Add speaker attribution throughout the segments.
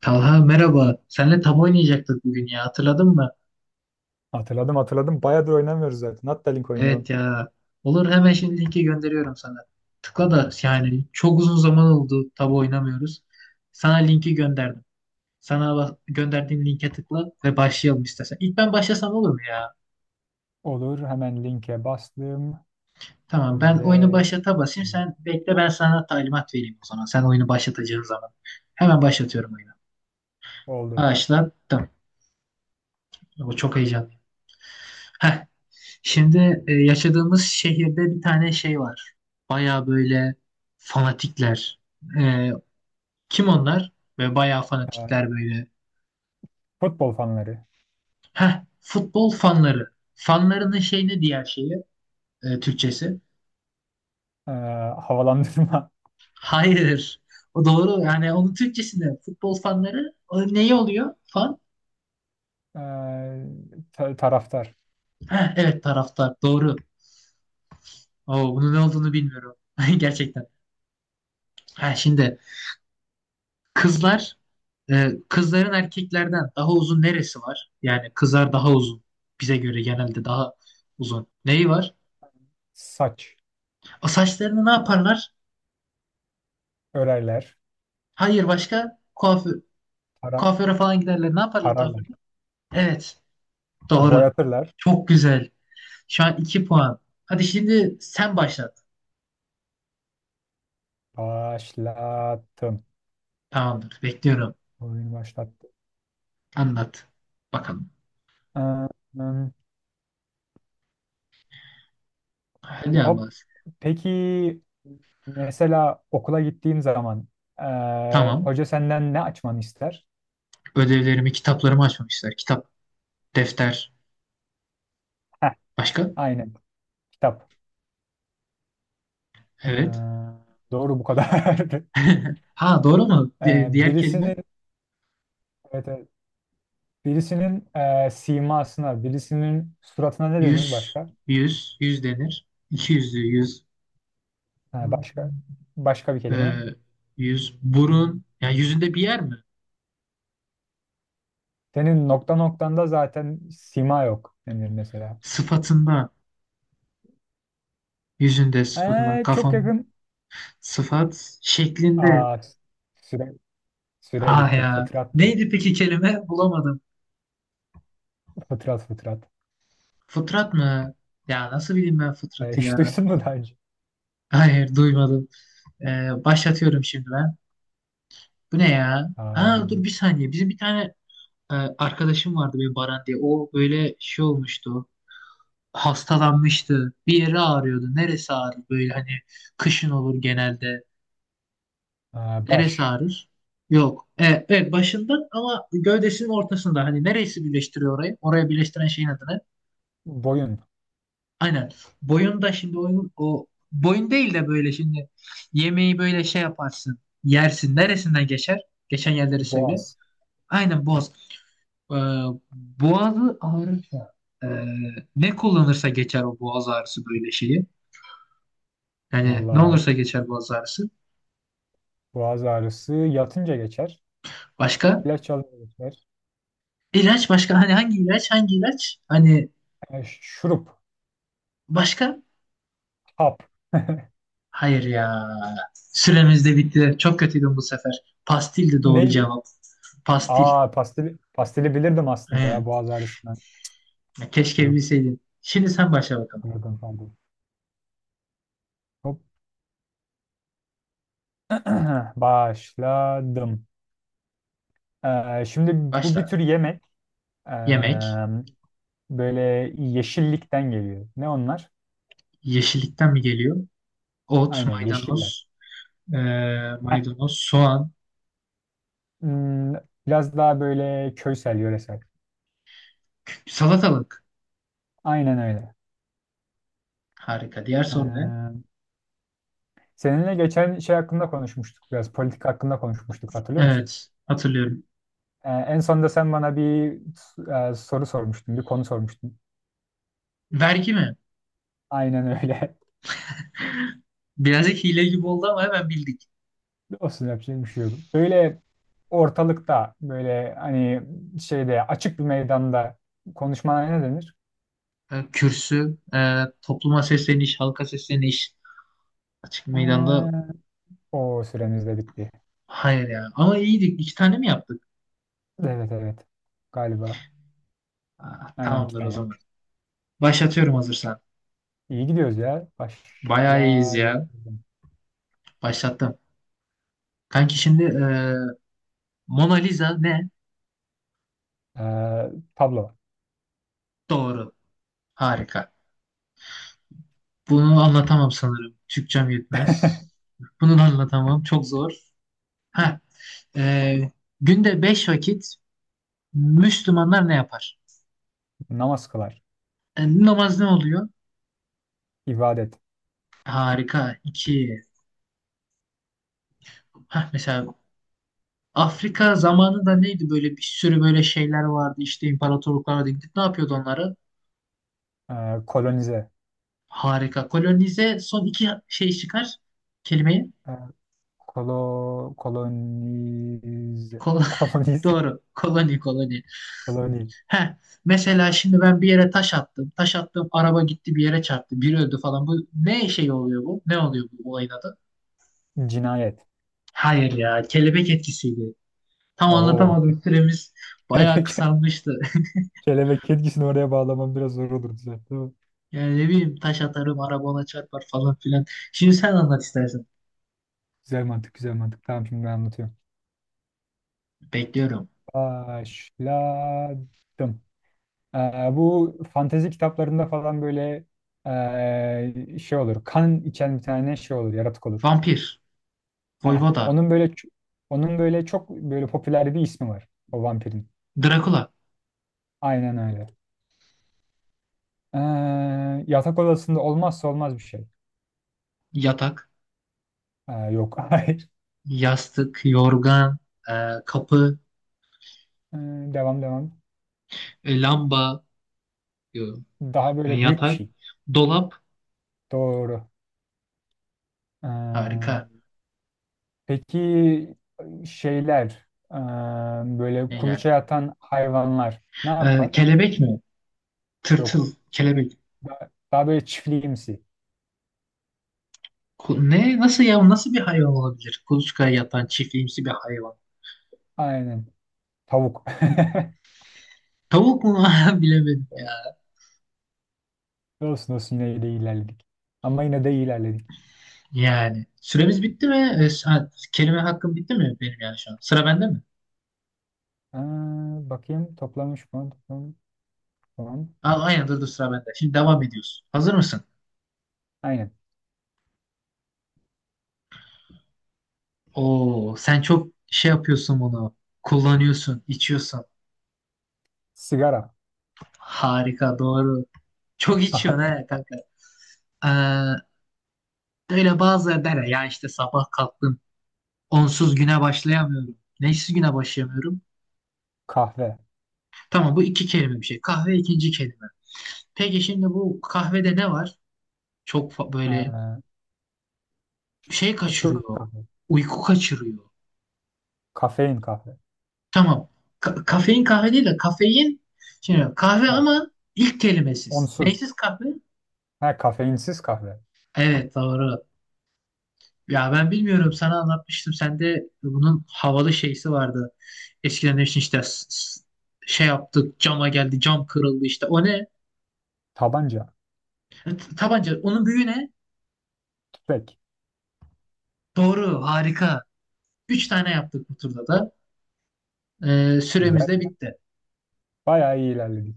Speaker 1: Talha merhaba. Seninle tabu oynayacaktık bugün ya. Hatırladın mı?
Speaker 2: Hatırladım hatırladım. Bayağıdır oynamıyoruz zaten. Hatta Link
Speaker 1: Evet
Speaker 2: oynayalım.
Speaker 1: ya. Olur hemen şimdi linki gönderiyorum sana. Tıkla da yani çok uzun zaman oldu tabu oynamıyoruz. Sana linki gönderdim. Sana gönderdiğim linke tıkla ve başlayalım istersen. İlk ben başlasam olur mu ya?
Speaker 2: Olur. Hemen linke bastım
Speaker 1: Tamam ben oyunu
Speaker 2: ve
Speaker 1: başlata basayım. Sen bekle ben sana talimat vereyim o zaman. Sen oyunu başlatacağın zaman. Hemen başlatıyorum oyunu.
Speaker 2: oldu.
Speaker 1: Başlattım. O çok heyecanlı. Heh. Şimdi yaşadığımız şehirde bir tane şey var. Baya böyle fanatikler. E, Kim onlar? Ve baya
Speaker 2: Ee,
Speaker 1: fanatikler böyle.
Speaker 2: Futbol fanları.
Speaker 1: Heh, futbol fanları. Fanlarının şey ne diğer şeyi? Türkçesi.
Speaker 2: Ee, Havalandırma.
Speaker 1: Hayır. O doğru. Yani onun Türkçesinde futbol fanları o neyi oluyor? Fan?
Speaker 2: Ee, Taraftar.
Speaker 1: Heh, evet taraftar. Doğru. Oo, bunun ne olduğunu bilmiyorum. Gerçekten. Ha, şimdi kızlar, kızların erkeklerden daha uzun neresi var? Yani kızlar daha uzun. Bize göre genelde daha uzun. Neyi var?
Speaker 2: Saç.
Speaker 1: O saçlarını ne yaparlar?
Speaker 2: Örerler.
Speaker 1: Hayır başka kuaför,
Speaker 2: Para
Speaker 1: kuaföre falan giderler. Ne yaparlar
Speaker 2: Pararlar.
Speaker 1: kuaförde? Evet, doğru.
Speaker 2: Boyatırlar.
Speaker 1: Çok güzel. Şu an 2 puan. Hadi şimdi sen başlat.
Speaker 2: Başlattım.
Speaker 1: Tamamdır, bekliyorum.
Speaker 2: Oyunu başlattım.
Speaker 1: Anlat. Bakalım.
Speaker 2: Ee, hmm,
Speaker 1: Hadi
Speaker 2: Hop.
Speaker 1: ama.
Speaker 2: Peki mesela okula gittiğim zaman
Speaker 1: Tamam.
Speaker 2: hoca senden ne açmanı ister?
Speaker 1: Ödevlerimi, kitaplarımı açmamışlar. Kitap, defter.
Speaker 2: Heh,
Speaker 1: Başka?
Speaker 2: aynen. Kitap.
Speaker 1: Evet.
Speaker 2: Ee, doğru bu kadar.
Speaker 1: Ha, doğru mu? Diğer kelime
Speaker 2: Birisinin Evet, evet. birisinin e, simasına, birisinin suratına ne denir
Speaker 1: yüz,
Speaker 2: başka?
Speaker 1: yüz, yüz denir. İki yüzlü yüz,
Speaker 2: Ha, başka bir
Speaker 1: e,
Speaker 2: kelime.
Speaker 1: yüz, burun. Yani yüzünde bir yer mi?
Speaker 2: Senin nokta noktanda zaten sima yok denir mesela.
Speaker 1: Sıfatında, yüzünde, sıfatında,
Speaker 2: Çok
Speaker 1: kafam,
Speaker 2: yakın.
Speaker 1: sıfat, şeklinde.
Speaker 2: Aa, süre Süre
Speaker 1: Ah
Speaker 2: bitti.
Speaker 1: ya.
Speaker 2: Fıtrattı.
Speaker 1: Neydi peki kelime? Bulamadım.
Speaker 2: Fıtrat fıtrat.
Speaker 1: Fıtrat mı? Ya nasıl bileyim ben fıtratı
Speaker 2: Hiç
Speaker 1: ya?
Speaker 2: duydun mu daha önce?
Speaker 1: Hayır, duymadım. E, Başlatıyorum şimdi ben. Bu ne ya?
Speaker 2: Aa,
Speaker 1: Ha dur bir saniye. Bizim bir tane arkadaşım vardı benim Baran diye. O böyle şey olmuştu. Hastalanmıştı. Bir yeri ağrıyordu. Neresi ağrır böyle hani kışın olur genelde. Neresi
Speaker 2: baş,
Speaker 1: ağrır? Yok. Evet, evet başından ama gövdesinin ortasında. Hani neresi birleştiriyor orayı? Oraya birleştiren şeyin adı ne?
Speaker 2: boyun,
Speaker 1: Aynen. Boyunda şimdi oyun o boyun değil de böyle şimdi yemeği böyle şey yaparsın. Yersin. Neresinden geçer? Geçen yerleri söyle.
Speaker 2: boğaz.
Speaker 1: Aynen boğaz. Ee, Boğazı ağrırsa ee, ne kullanırsa geçer o boğaz ağrısı böyle şeyi. Yani ne
Speaker 2: Vallahi
Speaker 1: olursa geçer boğaz ağrısı.
Speaker 2: boğaz ağrısı yatınca geçer.
Speaker 1: Başka?
Speaker 2: İlaç alıyorlar.
Speaker 1: İlaç başka? Hani hangi ilaç? Hangi ilaç? Hani
Speaker 2: E, şurup,
Speaker 1: başka?
Speaker 2: hap.
Speaker 1: Hayır ya. Süremiz de bitti. Çok kötüydüm bu sefer. Pastil de doğru
Speaker 2: Neydi?
Speaker 1: cevap. Pastil.
Speaker 2: Aa pastili, pastili bilirdim aslında
Speaker 1: He.
Speaker 2: ya boğaz ağrısından.
Speaker 1: Keşke
Speaker 2: Yok,
Speaker 1: bilseydin. Şimdi sen başla bakalım.
Speaker 2: anladım pardon. Hop. Başladım. Şimdi bu bir
Speaker 1: Başla.
Speaker 2: tür yemek. Ee,
Speaker 1: Yemek.
Speaker 2: böyle yeşillikten geliyor. Ne onlar?
Speaker 1: Yeşillikten mi geliyor? Ot,
Speaker 2: Aynen yeşiller.
Speaker 1: maydanoz, e, maydanoz, soğan,
Speaker 2: Hmm, biraz daha böyle köysel, yöresel.
Speaker 1: salatalık.
Speaker 2: Aynen öyle.
Speaker 1: Harika. Diğer soru ne?
Speaker 2: Ee, seninle geçen şey hakkında konuşmuştuk biraz. Politik hakkında konuşmuştuk hatırlıyor musun?
Speaker 1: Evet, hatırlıyorum.
Speaker 2: En sonunda sen bana bir soru sormuştun, bir konu sormuştun.
Speaker 1: Vergi mi?
Speaker 2: Aynen öyle.
Speaker 1: Birazcık hile gibi oldu ama hemen bildik.
Speaker 2: Olsun yapacak bir şey yok. Böyle ortalıkta, böyle hani şeyde açık bir meydanda konuşmana ne denir?
Speaker 1: Kürsü, topluma sesleniş, halka sesleniş, açık
Speaker 2: Ee,
Speaker 1: meydanda.
Speaker 2: o süremiz de bitti.
Speaker 1: Hayır ya. Ama iyiydik. İki tane mi yaptık?
Speaker 2: Evet evet. Galiba.
Speaker 1: Aa,
Speaker 2: Aynen iki
Speaker 1: tamamdır o
Speaker 2: tane
Speaker 1: zaman.
Speaker 2: yapmış.
Speaker 1: Başlatıyorum hazırsan.
Speaker 2: İyi gidiyoruz ya.
Speaker 1: Bayağı iyiyiz
Speaker 2: Başlayalım.
Speaker 1: ya. Başlattım. Kanki şimdi Mona Lisa ne?
Speaker 2: Ee, tablo.
Speaker 1: Doğru. Harika. Bunu anlatamam sanırım. Türkçem yetmez. Bunu da anlatamam. Çok zor. Ha, e, günde beş vakit Müslümanlar ne yapar?
Speaker 2: Namaz kılar.
Speaker 1: Namaz ne oluyor?
Speaker 2: İbadet.
Speaker 1: Harika. İki. Ha, mesela Afrika zamanında neydi böyle bir sürü böyle şeyler vardı işte imparatorluklar vardı. Gidip ne yapıyordu onları?
Speaker 2: Ee, kolonize.
Speaker 1: Harika. Kolonize son iki şey çıkar. Kelimeyi.
Speaker 2: Ee, Kolo, koloniz,
Speaker 1: Kol.
Speaker 2: koloniz,
Speaker 1: Doğru. Koloni koloni.
Speaker 2: Koloni,
Speaker 1: Heh. Mesela şimdi ben bir yere taş attım. Taş attım araba gitti bir yere çarptı. Biri öldü falan. Bu ne şey oluyor bu? Ne oluyor bu olayın adı?
Speaker 2: cinayet.
Speaker 1: Hayır ya. Kelebek etkisiydi. Tam
Speaker 2: Oo.
Speaker 1: anlatamadım. Süremiz bayağı kısalmıştı.
Speaker 2: Kelebek etkisini oraya bağlamam biraz zor olur güzel. Tamam.
Speaker 1: Yani ne bileyim taş atarım araba ona çarpar falan filan. Şimdi sen anlat istersen.
Speaker 2: Güzel mantık, güzel mantık. Tamam şimdi ben anlatıyorum.
Speaker 1: Bekliyorum.
Speaker 2: Başladım. Bu fantezi kitaplarında falan böyle şey olur. Kan içen bir tane şey olur, yaratık olur.
Speaker 1: Vampir,
Speaker 2: Heh,
Speaker 1: voyvoda,
Speaker 2: onun böyle çok böyle popüler bir ismi var o vampirin.
Speaker 1: Drakula,
Speaker 2: Aynen öyle. Ee, yatak odasında olmazsa olmaz bir şey.
Speaker 1: yatak,
Speaker 2: Yok, hayır.
Speaker 1: yastık, yorgan, e, kapı,
Speaker 2: Ee, Devam devam.
Speaker 1: lamba, diyorum.
Speaker 2: Daha
Speaker 1: Ben
Speaker 2: böyle büyük bir
Speaker 1: yatak,
Speaker 2: şey.
Speaker 1: dolap,
Speaker 2: Doğru. Ee,
Speaker 1: harika
Speaker 2: peki şeyler, ee, böyle kuluça
Speaker 1: neyler.
Speaker 2: yatan hayvanlar ne yapar?
Speaker 1: Kelebek mi?
Speaker 2: Yok.
Speaker 1: Tırtıl, kelebek.
Speaker 2: Daha, daha böyle çiftliğimsi.
Speaker 1: Ne? Nasıl ya? Nasıl bir hayvan olabilir? Kuluçkaya yatan çiftliğimsi bir hayvan.
Speaker 2: Aynen. Tavuk.
Speaker 1: Tavuk mu? Bilemedim ya.
Speaker 2: Olsun olsun yine de ilerledik. Ama yine de ilerledik.
Speaker 1: Yani süremiz bitti mi? Ha, kelime hakkım bitti mi benim yani şu an? Sıra bende mi?
Speaker 2: Ee, bakayım toplamış mı? Toplamış. Tamam.
Speaker 1: Aa, aynen dur dur sıra bende. Şimdi devam ediyoruz. Hazır mısın?
Speaker 2: Aynen.
Speaker 1: Oo, sen çok şey yapıyorsun bunu. Kullanıyorsun, içiyorsun.
Speaker 2: Sigara.
Speaker 1: Harika, doğru. Çok içiyorsun he kanka. Ee, Öyle bazıları der ya, ya işte sabah kalktım. Onsuz güne başlayamıyorum. Neşsiz güne başlayamıyorum.
Speaker 2: Kahve.
Speaker 1: Tamam bu iki kelime bir şey. Kahve ikinci kelime. Peki şimdi bu kahvede ne var? Çok böyle
Speaker 2: Ee,
Speaker 1: şey
Speaker 2: Sütlü
Speaker 1: kaçırıyor.
Speaker 2: kahve.
Speaker 1: Uyku kaçırıyor.
Speaker 2: Kafein kahve.
Speaker 1: Tamam. Kafein kahve değil de kafein. Şimdi kahve
Speaker 2: Ka-
Speaker 1: ama ilk kelimesiz.
Speaker 2: Onsuz.
Speaker 1: Neysiz kahve?
Speaker 2: Ha, kafeinsiz kahve.
Speaker 1: Evet doğru. Ya ben bilmiyorum sana anlatmıştım. Sende bunun havalı şeysi vardı. Eskiden demiştin işte şey yaptık cama geldi cam kırıldı işte. O ne?
Speaker 2: Tabanca.
Speaker 1: Tabanca. Onun büyüğü ne?
Speaker 2: Tüfek.
Speaker 1: Doğru harika. Üç tane yaptık bu turda da. Süremiz
Speaker 2: Güzel,
Speaker 1: de
Speaker 2: güzel.
Speaker 1: bitti.
Speaker 2: Bayağı iyi ilerledik.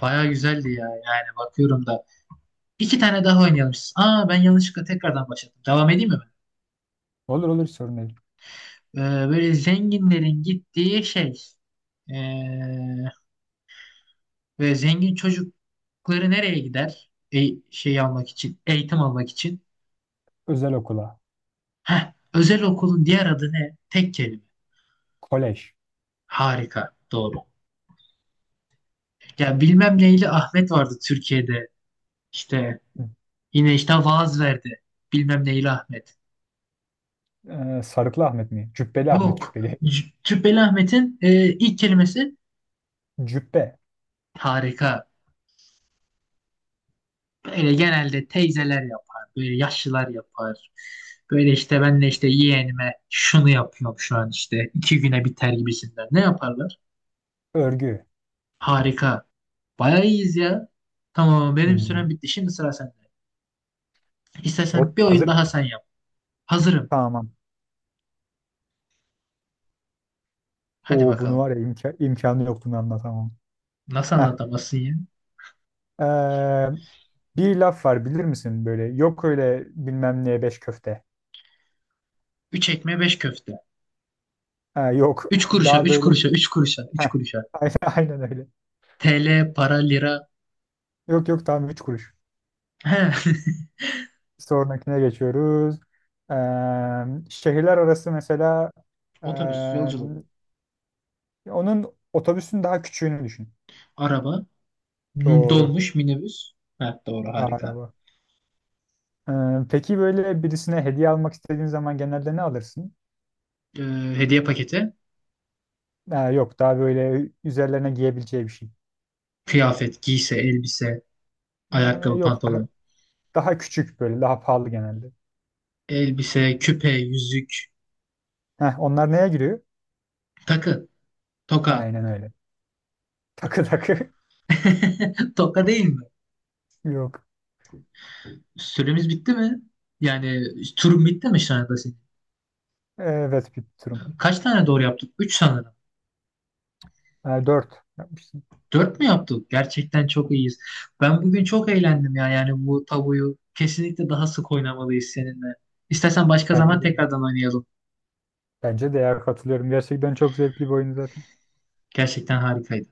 Speaker 1: Baya güzeldi ya yani bakıyorum da. İki tane daha oynayalım. Aa ben yanlışlıkla tekrardan başladım. Devam edeyim mi
Speaker 2: Olur olur sorun değil.
Speaker 1: ben? Böyle zenginlerin gittiği şey. Ee, Ve zengin çocukları nereye gider? Şey almak için, eğitim almak için.
Speaker 2: Özel okula.
Speaker 1: Heh, özel okulun diğer adı ne? Tek kelime.
Speaker 2: Kolej.
Speaker 1: Harika, doğru. Ya bilmem neyli Ahmet vardı Türkiye'de. İşte yine işte vaaz verdi. Bilmem neyli Ahmet.
Speaker 2: Sarıklı Ahmet mi? Cübbeli Ahmet
Speaker 1: Yok.
Speaker 2: Cübbeli.
Speaker 1: Cübbeli Ahmet'in ilk kelimesi
Speaker 2: Cübbe.
Speaker 1: harika. Böyle genelde teyzeler yapar. Böyle yaşlılar yapar. Böyle işte ben de işte yeğenime şunu yapıyorum şu an işte. 2 güne biter gibisinden. Ne yaparlar?
Speaker 2: Örgü.
Speaker 1: Harika. Bayağı iyiyiz ya. Tamam benim sürem
Speaker 2: Hmm.
Speaker 1: bitti. Şimdi sıra sende.
Speaker 2: Or
Speaker 1: İstersen bir oyun
Speaker 2: hazır mı?
Speaker 1: daha sen yap. Hazırım.
Speaker 2: Tamam.
Speaker 1: Hadi
Speaker 2: Oo, bunu
Speaker 1: bakalım.
Speaker 2: var ya imka- imkanı yok bunu anlatamam.
Speaker 1: Nasıl
Speaker 2: Heh.
Speaker 1: anlatamazsın ya?
Speaker 2: Ee, bir laf var bilir misin böyle? Yok öyle bilmem neye beş köfte.
Speaker 1: Üç ekmeğe 5 köfte.
Speaker 2: Ha, yok.
Speaker 1: 3 kuruşa,
Speaker 2: Daha
Speaker 1: üç
Speaker 2: böyle.
Speaker 1: kuruşa, 3 kuruşa, 3
Speaker 2: Heh.
Speaker 1: kuruşa.
Speaker 2: Aynen, aynen öyle.
Speaker 1: TL, para, lira.
Speaker 2: Yok yok tam 3 kuruş.
Speaker 1: He.
Speaker 2: Sonrakine geçiyoruz. Ee, şehirler arası mesela
Speaker 1: Otobüs,
Speaker 2: ee,
Speaker 1: yolculuk,
Speaker 2: onun otobüsün daha küçüğünü düşün.
Speaker 1: araba,
Speaker 2: Doğru.
Speaker 1: dolmuş, minibüs. Ha, doğru harika.
Speaker 2: Araba. Ee, peki böyle birisine hediye almak istediğin zaman genelde ne alırsın?
Speaker 1: Ee, Hediye paketi.
Speaker 2: Yok daha böyle üzerlerine giyebileceği bir şey.
Speaker 1: Kıyafet, giysi, elbise,
Speaker 2: Ee,
Speaker 1: ayakkabı,
Speaker 2: Yok daha,
Speaker 1: pantolon.
Speaker 2: daha küçük böyle daha pahalı genelde.
Speaker 1: Elbise, küpe, yüzük,
Speaker 2: Heh, onlar neye giriyor?
Speaker 1: takı, toka.
Speaker 2: Aynen öyle. Takı takı.
Speaker 1: Toka değil mi?
Speaker 2: Yok.
Speaker 1: Süremiz bitti mi? Yani turun bitti mi şu anda senin?
Speaker 2: Evet bir durum.
Speaker 1: Kaç tane doğru yaptık? 3 sanırım.
Speaker 2: 4 yapmışsın.
Speaker 1: 4 mü yaptık? Gerçekten çok iyiyiz. Ben bugün çok eğlendim ya. Yani bu tabuyu kesinlikle daha sık oynamalıyız seninle. İstersen başka zaman
Speaker 2: Bence
Speaker 1: tekrardan oynayalım.
Speaker 2: Bence de ya katılıyorum. Gerçekten çok zevkli bir oyun zaten.
Speaker 1: Gerçekten harikaydı.